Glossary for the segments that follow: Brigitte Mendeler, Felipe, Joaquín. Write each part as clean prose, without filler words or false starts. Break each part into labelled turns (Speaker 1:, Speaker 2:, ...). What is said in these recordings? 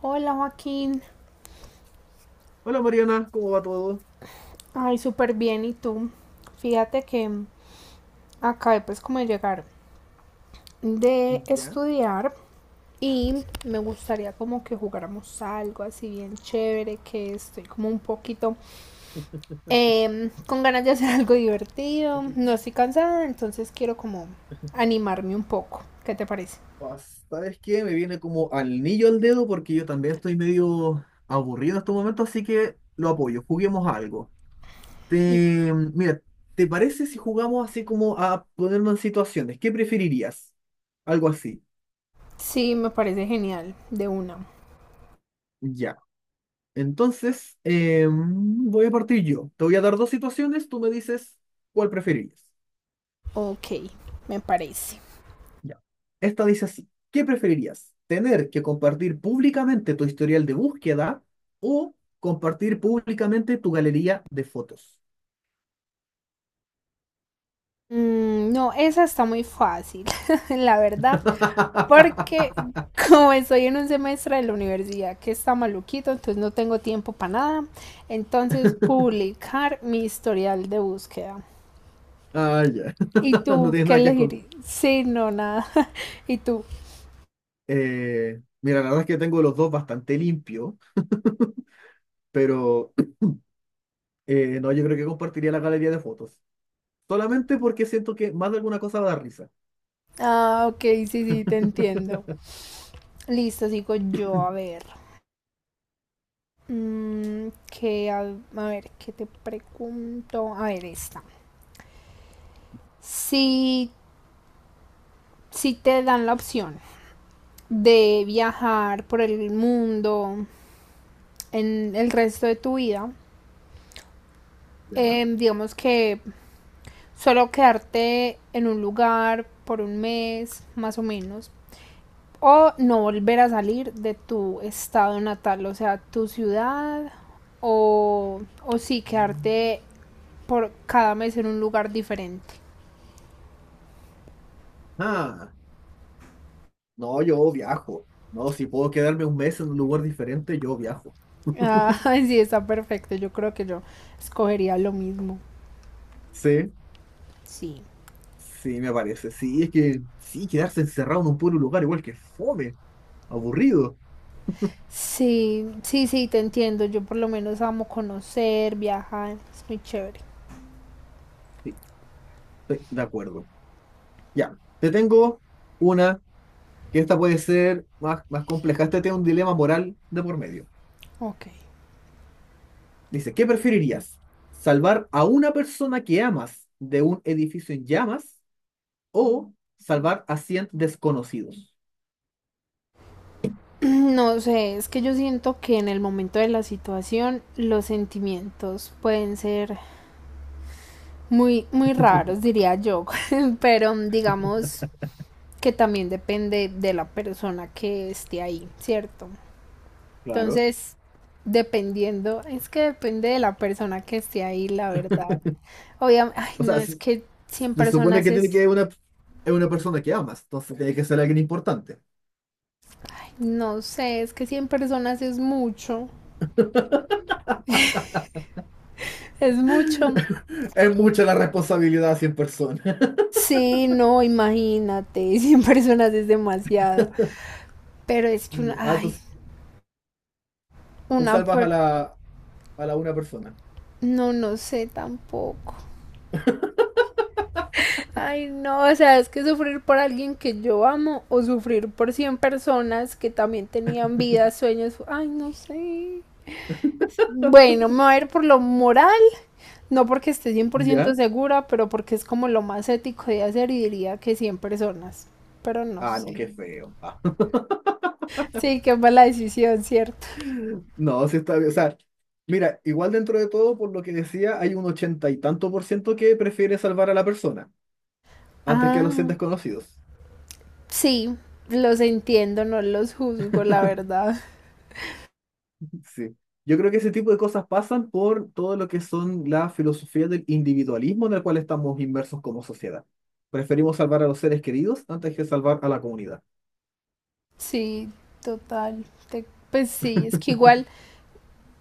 Speaker 1: Hola Joaquín,
Speaker 2: Hola Mariana, ¿cómo va todo?
Speaker 1: ay, súper bien, ¿y tú? Fíjate que acabé pues como de llegar de
Speaker 2: Ya.
Speaker 1: estudiar y me gustaría como que jugáramos algo así bien chévere, que estoy como un poquito con ganas de hacer algo divertido, no estoy cansada, entonces quiero como animarme un poco, ¿qué te parece?
Speaker 2: Ah, ¿sabes qué? Me viene como al niño al dedo porque yo también estoy medio aburrido en estos momentos, así que lo apoyo. Juguemos a algo.
Speaker 1: Y-
Speaker 2: Te, mira, ¿te parece si jugamos así como a ponernos en situaciones? ¿Qué preferirías? Algo así.
Speaker 1: Sí, me parece genial, de una.
Speaker 2: Ya. Entonces, voy a partir yo. Te voy a dar dos situaciones, tú me dices cuál preferirías.
Speaker 1: Ok, me parece.
Speaker 2: Ya. Esta dice así, ¿qué preferirías? ¿Tener que compartir públicamente tu historial de búsqueda o compartir públicamente tu galería de fotos?
Speaker 1: Mm, no, esa está muy fácil, la verdad, porque como estoy en un semestre de la universidad que está maluquito, entonces no tengo tiempo para nada. Entonces, publicar mi historial de búsqueda.
Speaker 2: Ah, ya.
Speaker 1: ¿Y
Speaker 2: No
Speaker 1: tú
Speaker 2: tienes
Speaker 1: qué
Speaker 2: nada que esconder.
Speaker 1: elegir? Sí, no, nada. ¿Y tú?
Speaker 2: Mira, la verdad es que tengo los dos bastante limpio, pero no, yo creo que compartiría la galería de fotos. Solamente porque siento que más de alguna cosa va a dar risa.
Speaker 1: Ah, ok, sí, sí, te entiendo. Listo, sigo yo, a ver. Mm, a ver, ¿qué te pregunto? A ver, esta. Si, si te dan la opción de viajar por el mundo en el resto de tu vida,
Speaker 2: Ya.
Speaker 1: digamos que solo quedarte en un lugar por un mes más o menos o no volver a salir de tu estado natal, o sea, tu ciudad o sí
Speaker 2: Mm.
Speaker 1: quedarte por cada mes en un lugar diferente.
Speaker 2: Ah, no, yo viajo. No, si puedo quedarme un mes en un lugar diferente, yo viajo.
Speaker 1: Ah, sí, está perfecto, yo creo que yo escogería lo mismo,
Speaker 2: Sí.
Speaker 1: sí.
Speaker 2: Sí, me parece. Sí, es que sí, quedarse encerrado en un puro lugar igual que fome, aburrido.
Speaker 1: Sí, sí, sí, te entiendo. Yo por lo menos amo conocer, viajar, es muy chévere.
Speaker 2: Sí, estoy de acuerdo. Ya, te tengo una que esta puede ser más, más compleja. Este tiene un dilema moral de por medio.
Speaker 1: Ok.
Speaker 2: Dice, ¿qué preferirías? ¿Salvar a una persona que amas de un edificio en llamas o salvar a 100 desconocidos?
Speaker 1: No sé, es que yo siento que en el momento de la situación los sentimientos pueden ser muy, muy raros, diría yo, pero digamos que también depende de la persona que esté ahí, ¿cierto?
Speaker 2: Claro.
Speaker 1: Entonces, dependiendo, es que depende de la persona que esté ahí, la verdad. Obviamente, ay,
Speaker 2: O
Speaker 1: no,
Speaker 2: sea,
Speaker 1: es
Speaker 2: se,
Speaker 1: que 100
Speaker 2: se supone
Speaker 1: personas
Speaker 2: que tiene
Speaker 1: es.
Speaker 2: que una, es una persona que amas, entonces tiene que ser alguien importante.
Speaker 1: No sé, es que 100 personas es mucho, es mucho.
Speaker 2: Es mucha la responsabilidad a 100 personas.
Speaker 1: Sí, no, imagínate, 100 personas es demasiado. Pero es que una,
Speaker 2: Ya. Ah, tú,
Speaker 1: ay,
Speaker 2: tú
Speaker 1: una
Speaker 2: salvas
Speaker 1: per-
Speaker 2: a la una persona.
Speaker 1: no, no sé tampoco. Ay, no, o sea, es que sufrir por alguien que yo amo o sufrir por 100 personas que también tenían vidas, sueños, ay, no sé. Bueno, me voy a ir por lo moral. No porque esté 100%
Speaker 2: ¿Ya?
Speaker 1: segura, pero porque es como lo más ético de hacer y diría que 100 personas. Pero no
Speaker 2: Ah, no,
Speaker 1: sé.
Speaker 2: qué feo. Ah,
Speaker 1: Sí, qué mala decisión, ¿cierto?
Speaker 2: no, sí está bien. O sea, mira, igual dentro de todo, por lo que decía, hay un ochenta y tanto por ciento que prefiere salvar a la persona antes que a los 100
Speaker 1: Ah,
Speaker 2: desconocidos.
Speaker 1: sí, los entiendo, no los juzgo, la verdad.
Speaker 2: Sí. Yo creo que ese tipo de cosas pasan por todo lo que son la filosofía del individualismo en el cual estamos inmersos como sociedad. Preferimos salvar a los seres queridos antes que salvar a la comunidad.
Speaker 1: Sí, total. Pues sí, es que igual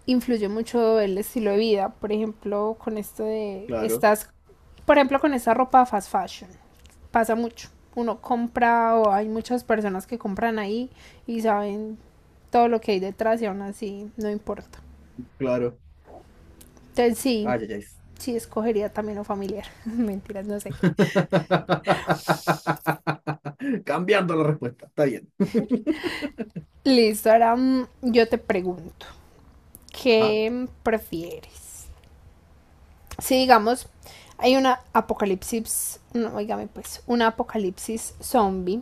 Speaker 1: influye mucho el estilo de vida, por ejemplo, con esto de
Speaker 2: Claro,
Speaker 1: estas, por ejemplo, con esta ropa fast fashion, pasa mucho. Uno compra o hay muchas personas que compran ahí y saben todo lo que hay detrás y aún así no importa.
Speaker 2: claro.
Speaker 1: Entonces sí,
Speaker 2: Ay, ay,
Speaker 1: sí escogería también lo familiar. Mentiras, no sé.
Speaker 2: ay. Cambiando la respuesta. Está bien.
Speaker 1: Listo, ahora yo te pregunto,
Speaker 2: Ajá.
Speaker 1: ¿qué prefieres? Si digamos, hay una apocalipsis, no, oígame pues, una apocalipsis zombie.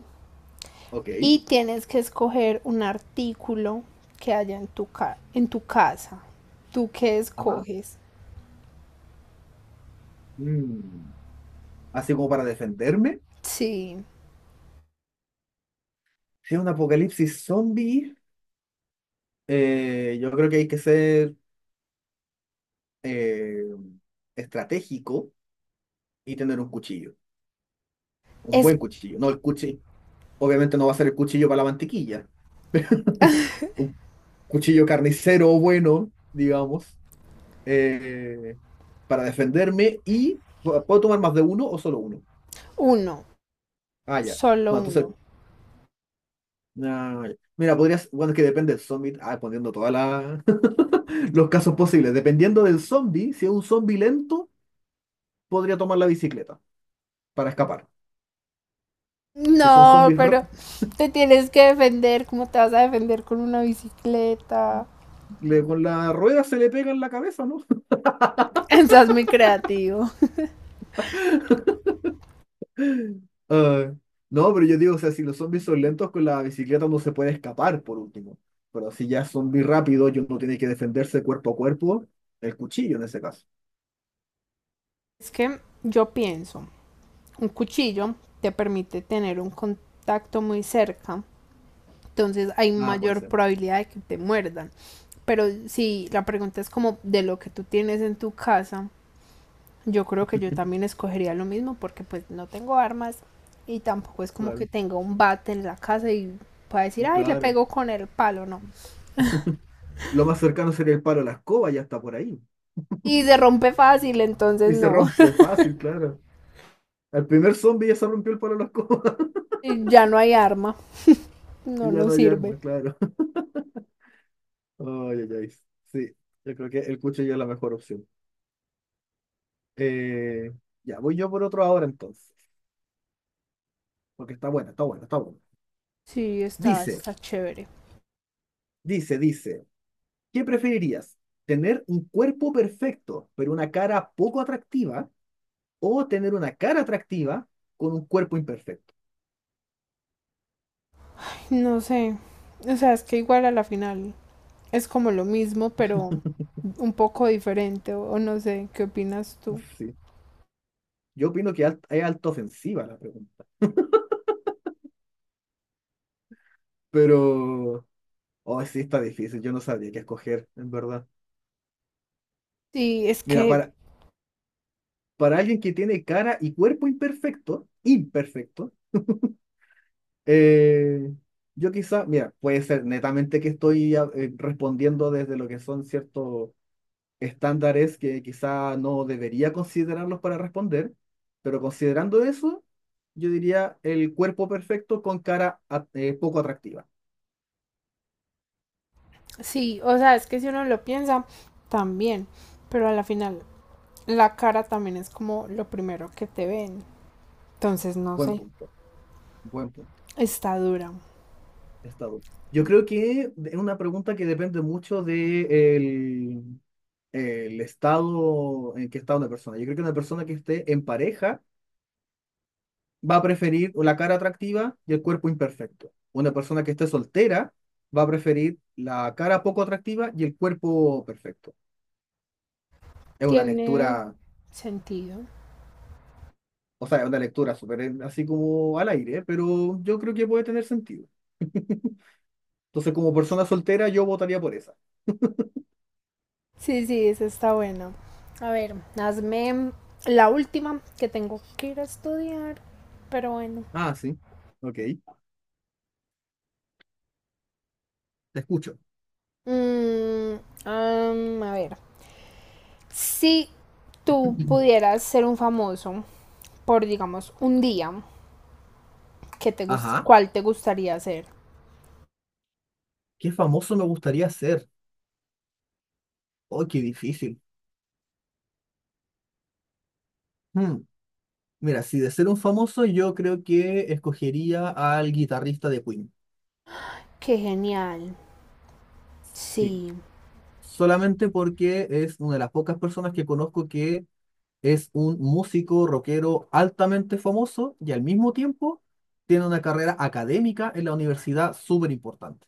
Speaker 2: Ok.
Speaker 1: Y tienes que escoger un artículo que haya en en tu casa. ¿Tú qué
Speaker 2: Ajá.
Speaker 1: escoges?
Speaker 2: Mm, así como para defenderme.
Speaker 1: Sí,
Speaker 2: Si es un apocalipsis zombie, yo creo que hay que ser eh, estratégico y tener un cuchillo. Un
Speaker 1: es
Speaker 2: buen cuchillo. No el cuchillo. Obviamente no va a ser el cuchillo para la mantequilla. Un cuchillo carnicero bueno, digamos, eh, para defenderme y ¿puedo tomar más de uno o solo uno?
Speaker 1: uno,
Speaker 2: Ah, ya.
Speaker 1: solo
Speaker 2: No, entonces
Speaker 1: uno.
Speaker 2: ah, ya, mira, podrías, bueno, es que depende del zombie, ah, poniendo todos los casos posibles. Dependiendo del zombie, si es un zombie lento, podría tomar la bicicleta para escapar. Si son
Speaker 1: No,
Speaker 2: un ra-
Speaker 1: pero te tienes que defender. ¿Cómo te vas a defender con una bicicleta?
Speaker 2: le- Con la rueda se le pega en la cabeza, ¿no?
Speaker 1: Estás muy creativo.
Speaker 2: Ah, no, pero yo digo, o sea, si los zombies son lentos, con la bicicleta no se puede escapar, por último. Pero si ya es zombie rápido y uno tiene que defenderse cuerpo a cuerpo, el cuchillo en ese caso.
Speaker 1: Es que yo pienso, un cuchillo te permite tener un contacto muy cerca. Entonces hay
Speaker 2: Ah, puede
Speaker 1: mayor
Speaker 2: ser.
Speaker 1: probabilidad de que te muerdan. Pero si la pregunta es como de lo que tú tienes en tu casa, yo creo que yo también escogería lo mismo porque pues no tengo armas y tampoco es como que
Speaker 2: Claro,
Speaker 1: tenga un bate en la casa y pueda decir, ay, le
Speaker 2: claro.
Speaker 1: pego con el palo, no.
Speaker 2: Lo más cercano sería el palo a la escoba, ya está por ahí.
Speaker 1: Y se rompe fácil, entonces
Speaker 2: Y se
Speaker 1: no,
Speaker 2: rompe fácil, claro. Al primer zombie ya se rompió el palo de la escoba.
Speaker 1: ya no hay arma,
Speaker 2: Y
Speaker 1: no
Speaker 2: ya no
Speaker 1: nos
Speaker 2: hay
Speaker 1: sirve.
Speaker 2: arma, claro. Ay, ay, ay. Sí, yo creo que el cuchillo es la mejor opción. Eh, ya, voy yo por otro ahora entonces. Porque está buena, está buena, está buena.
Speaker 1: Sí, está,
Speaker 2: Dice,
Speaker 1: está chévere.
Speaker 2: dice, dice. ¿Qué preferirías? ¿Tener un cuerpo perfecto, pero una cara poco atractiva? ¿O tener una cara atractiva con un cuerpo imperfecto?
Speaker 1: No sé, o sea, es que igual a la final es como lo mismo, pero un poco diferente, o no sé, ¿qué opinas tú?
Speaker 2: Sí. Yo opino que es alta ofensiva la pregunta. Pero oh, sí, está difícil. Yo no sabría qué escoger, en verdad.
Speaker 1: Sí, es
Speaker 2: Mira,
Speaker 1: que,
Speaker 2: para alguien que tiene cara y cuerpo imperfecto, imperfecto, eh, yo quizá, mira, puede ser netamente que estoy respondiendo desde lo que son ciertos estándares que quizá no debería considerarlos para responder, pero considerando eso, yo diría el cuerpo perfecto con poco atractiva.
Speaker 1: sí, o sea, es que si uno lo piensa, también, pero a la final, la cara también es como lo primero que te ven, entonces no
Speaker 2: Buen
Speaker 1: sé,
Speaker 2: punto, buen punto.
Speaker 1: está dura.
Speaker 2: Estado. Yo creo que es una pregunta que depende mucho de el, el estado en que está una persona. Yo creo que una persona que esté en pareja va a preferir la cara atractiva y el cuerpo imperfecto. Una persona que esté soltera va a preferir la cara poco atractiva y el cuerpo perfecto. Es una
Speaker 1: Tiene
Speaker 2: lectura,
Speaker 1: sentido.
Speaker 2: o sea, es una lectura súper así como al aire, pero yo creo que puede tener sentido. Entonces, como persona soltera, yo votaría por esa.
Speaker 1: Sí, sí, esa está buena. A ver, hazme la última que tengo que ir a estudiar, pero bueno.
Speaker 2: Ah, sí. Ok. Te escucho.
Speaker 1: Mm, am, a ver, si tú pudieras ser un famoso por, digamos, un día,
Speaker 2: Ajá.
Speaker 1: ¿cuál te gustaría ser?
Speaker 2: ¿Qué famoso me gustaría ser? Oh, qué difícil. Hmm, mira, si de ser un famoso, yo creo que escogería al guitarrista de Queen.
Speaker 1: Qué genial.
Speaker 2: Sí.
Speaker 1: Sí.
Speaker 2: Solamente porque es una de las pocas personas que conozco que es un músico rockero altamente famoso y al mismo tiempo tiene una carrera académica en la universidad súper importante.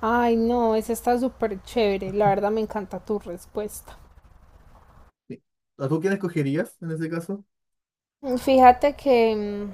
Speaker 1: Ay, no, esa está súper chévere. La verdad me encanta tu respuesta.
Speaker 2: Sí. ¿A tú quién escogerías en ese caso?
Speaker 1: Fíjate que mm,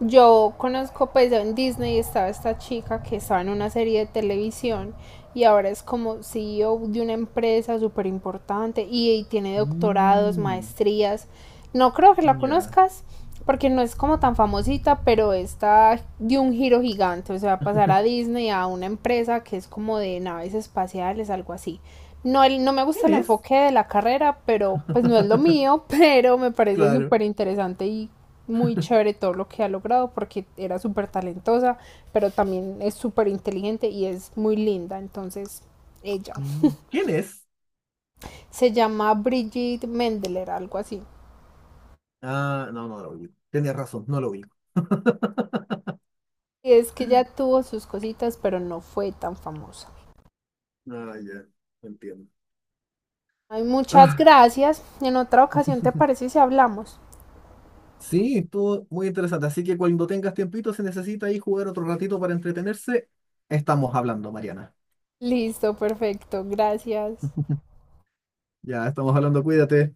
Speaker 1: yo conozco, pues en Disney estaba esta chica que estaba en una serie de televisión y ahora es como CEO de una empresa súper importante y tiene doctorados,
Speaker 2: Mm,
Speaker 1: maestrías. No creo que la
Speaker 2: ya.
Speaker 1: conozcas porque no es como tan famosita, pero está de un giro gigante, o sea, va a pasar a Disney a una empresa que es como de naves espaciales, algo así. No, no me gusta
Speaker 2: ¿Quién
Speaker 1: el
Speaker 2: es?
Speaker 1: enfoque de la carrera, pero pues no es lo mío, pero me parece
Speaker 2: Claro.
Speaker 1: súper interesante y muy chévere todo lo que ha logrado porque era súper talentosa, pero también es súper inteligente y es muy linda. Entonces, ella
Speaker 2: Mm, ¿quién es?
Speaker 1: se llama Brigitte Mendeler, algo así.
Speaker 2: Ah, no, no lo ubico. Tenías razón, no lo ubico.
Speaker 1: Y es que ya tuvo sus cositas, pero no fue tan famosa.
Speaker 2: Ah, ya, entiendo.
Speaker 1: Ay, muchas
Speaker 2: Ah,
Speaker 1: gracias. En otra ocasión, ¿te parece si hablamos?
Speaker 2: sí, estuvo muy interesante. Así que cuando tengas tiempito, se necesita ahí jugar otro ratito para entretenerse, estamos hablando, Mariana.
Speaker 1: Listo, perfecto. Gracias.
Speaker 2: Ya, estamos hablando, cuídate.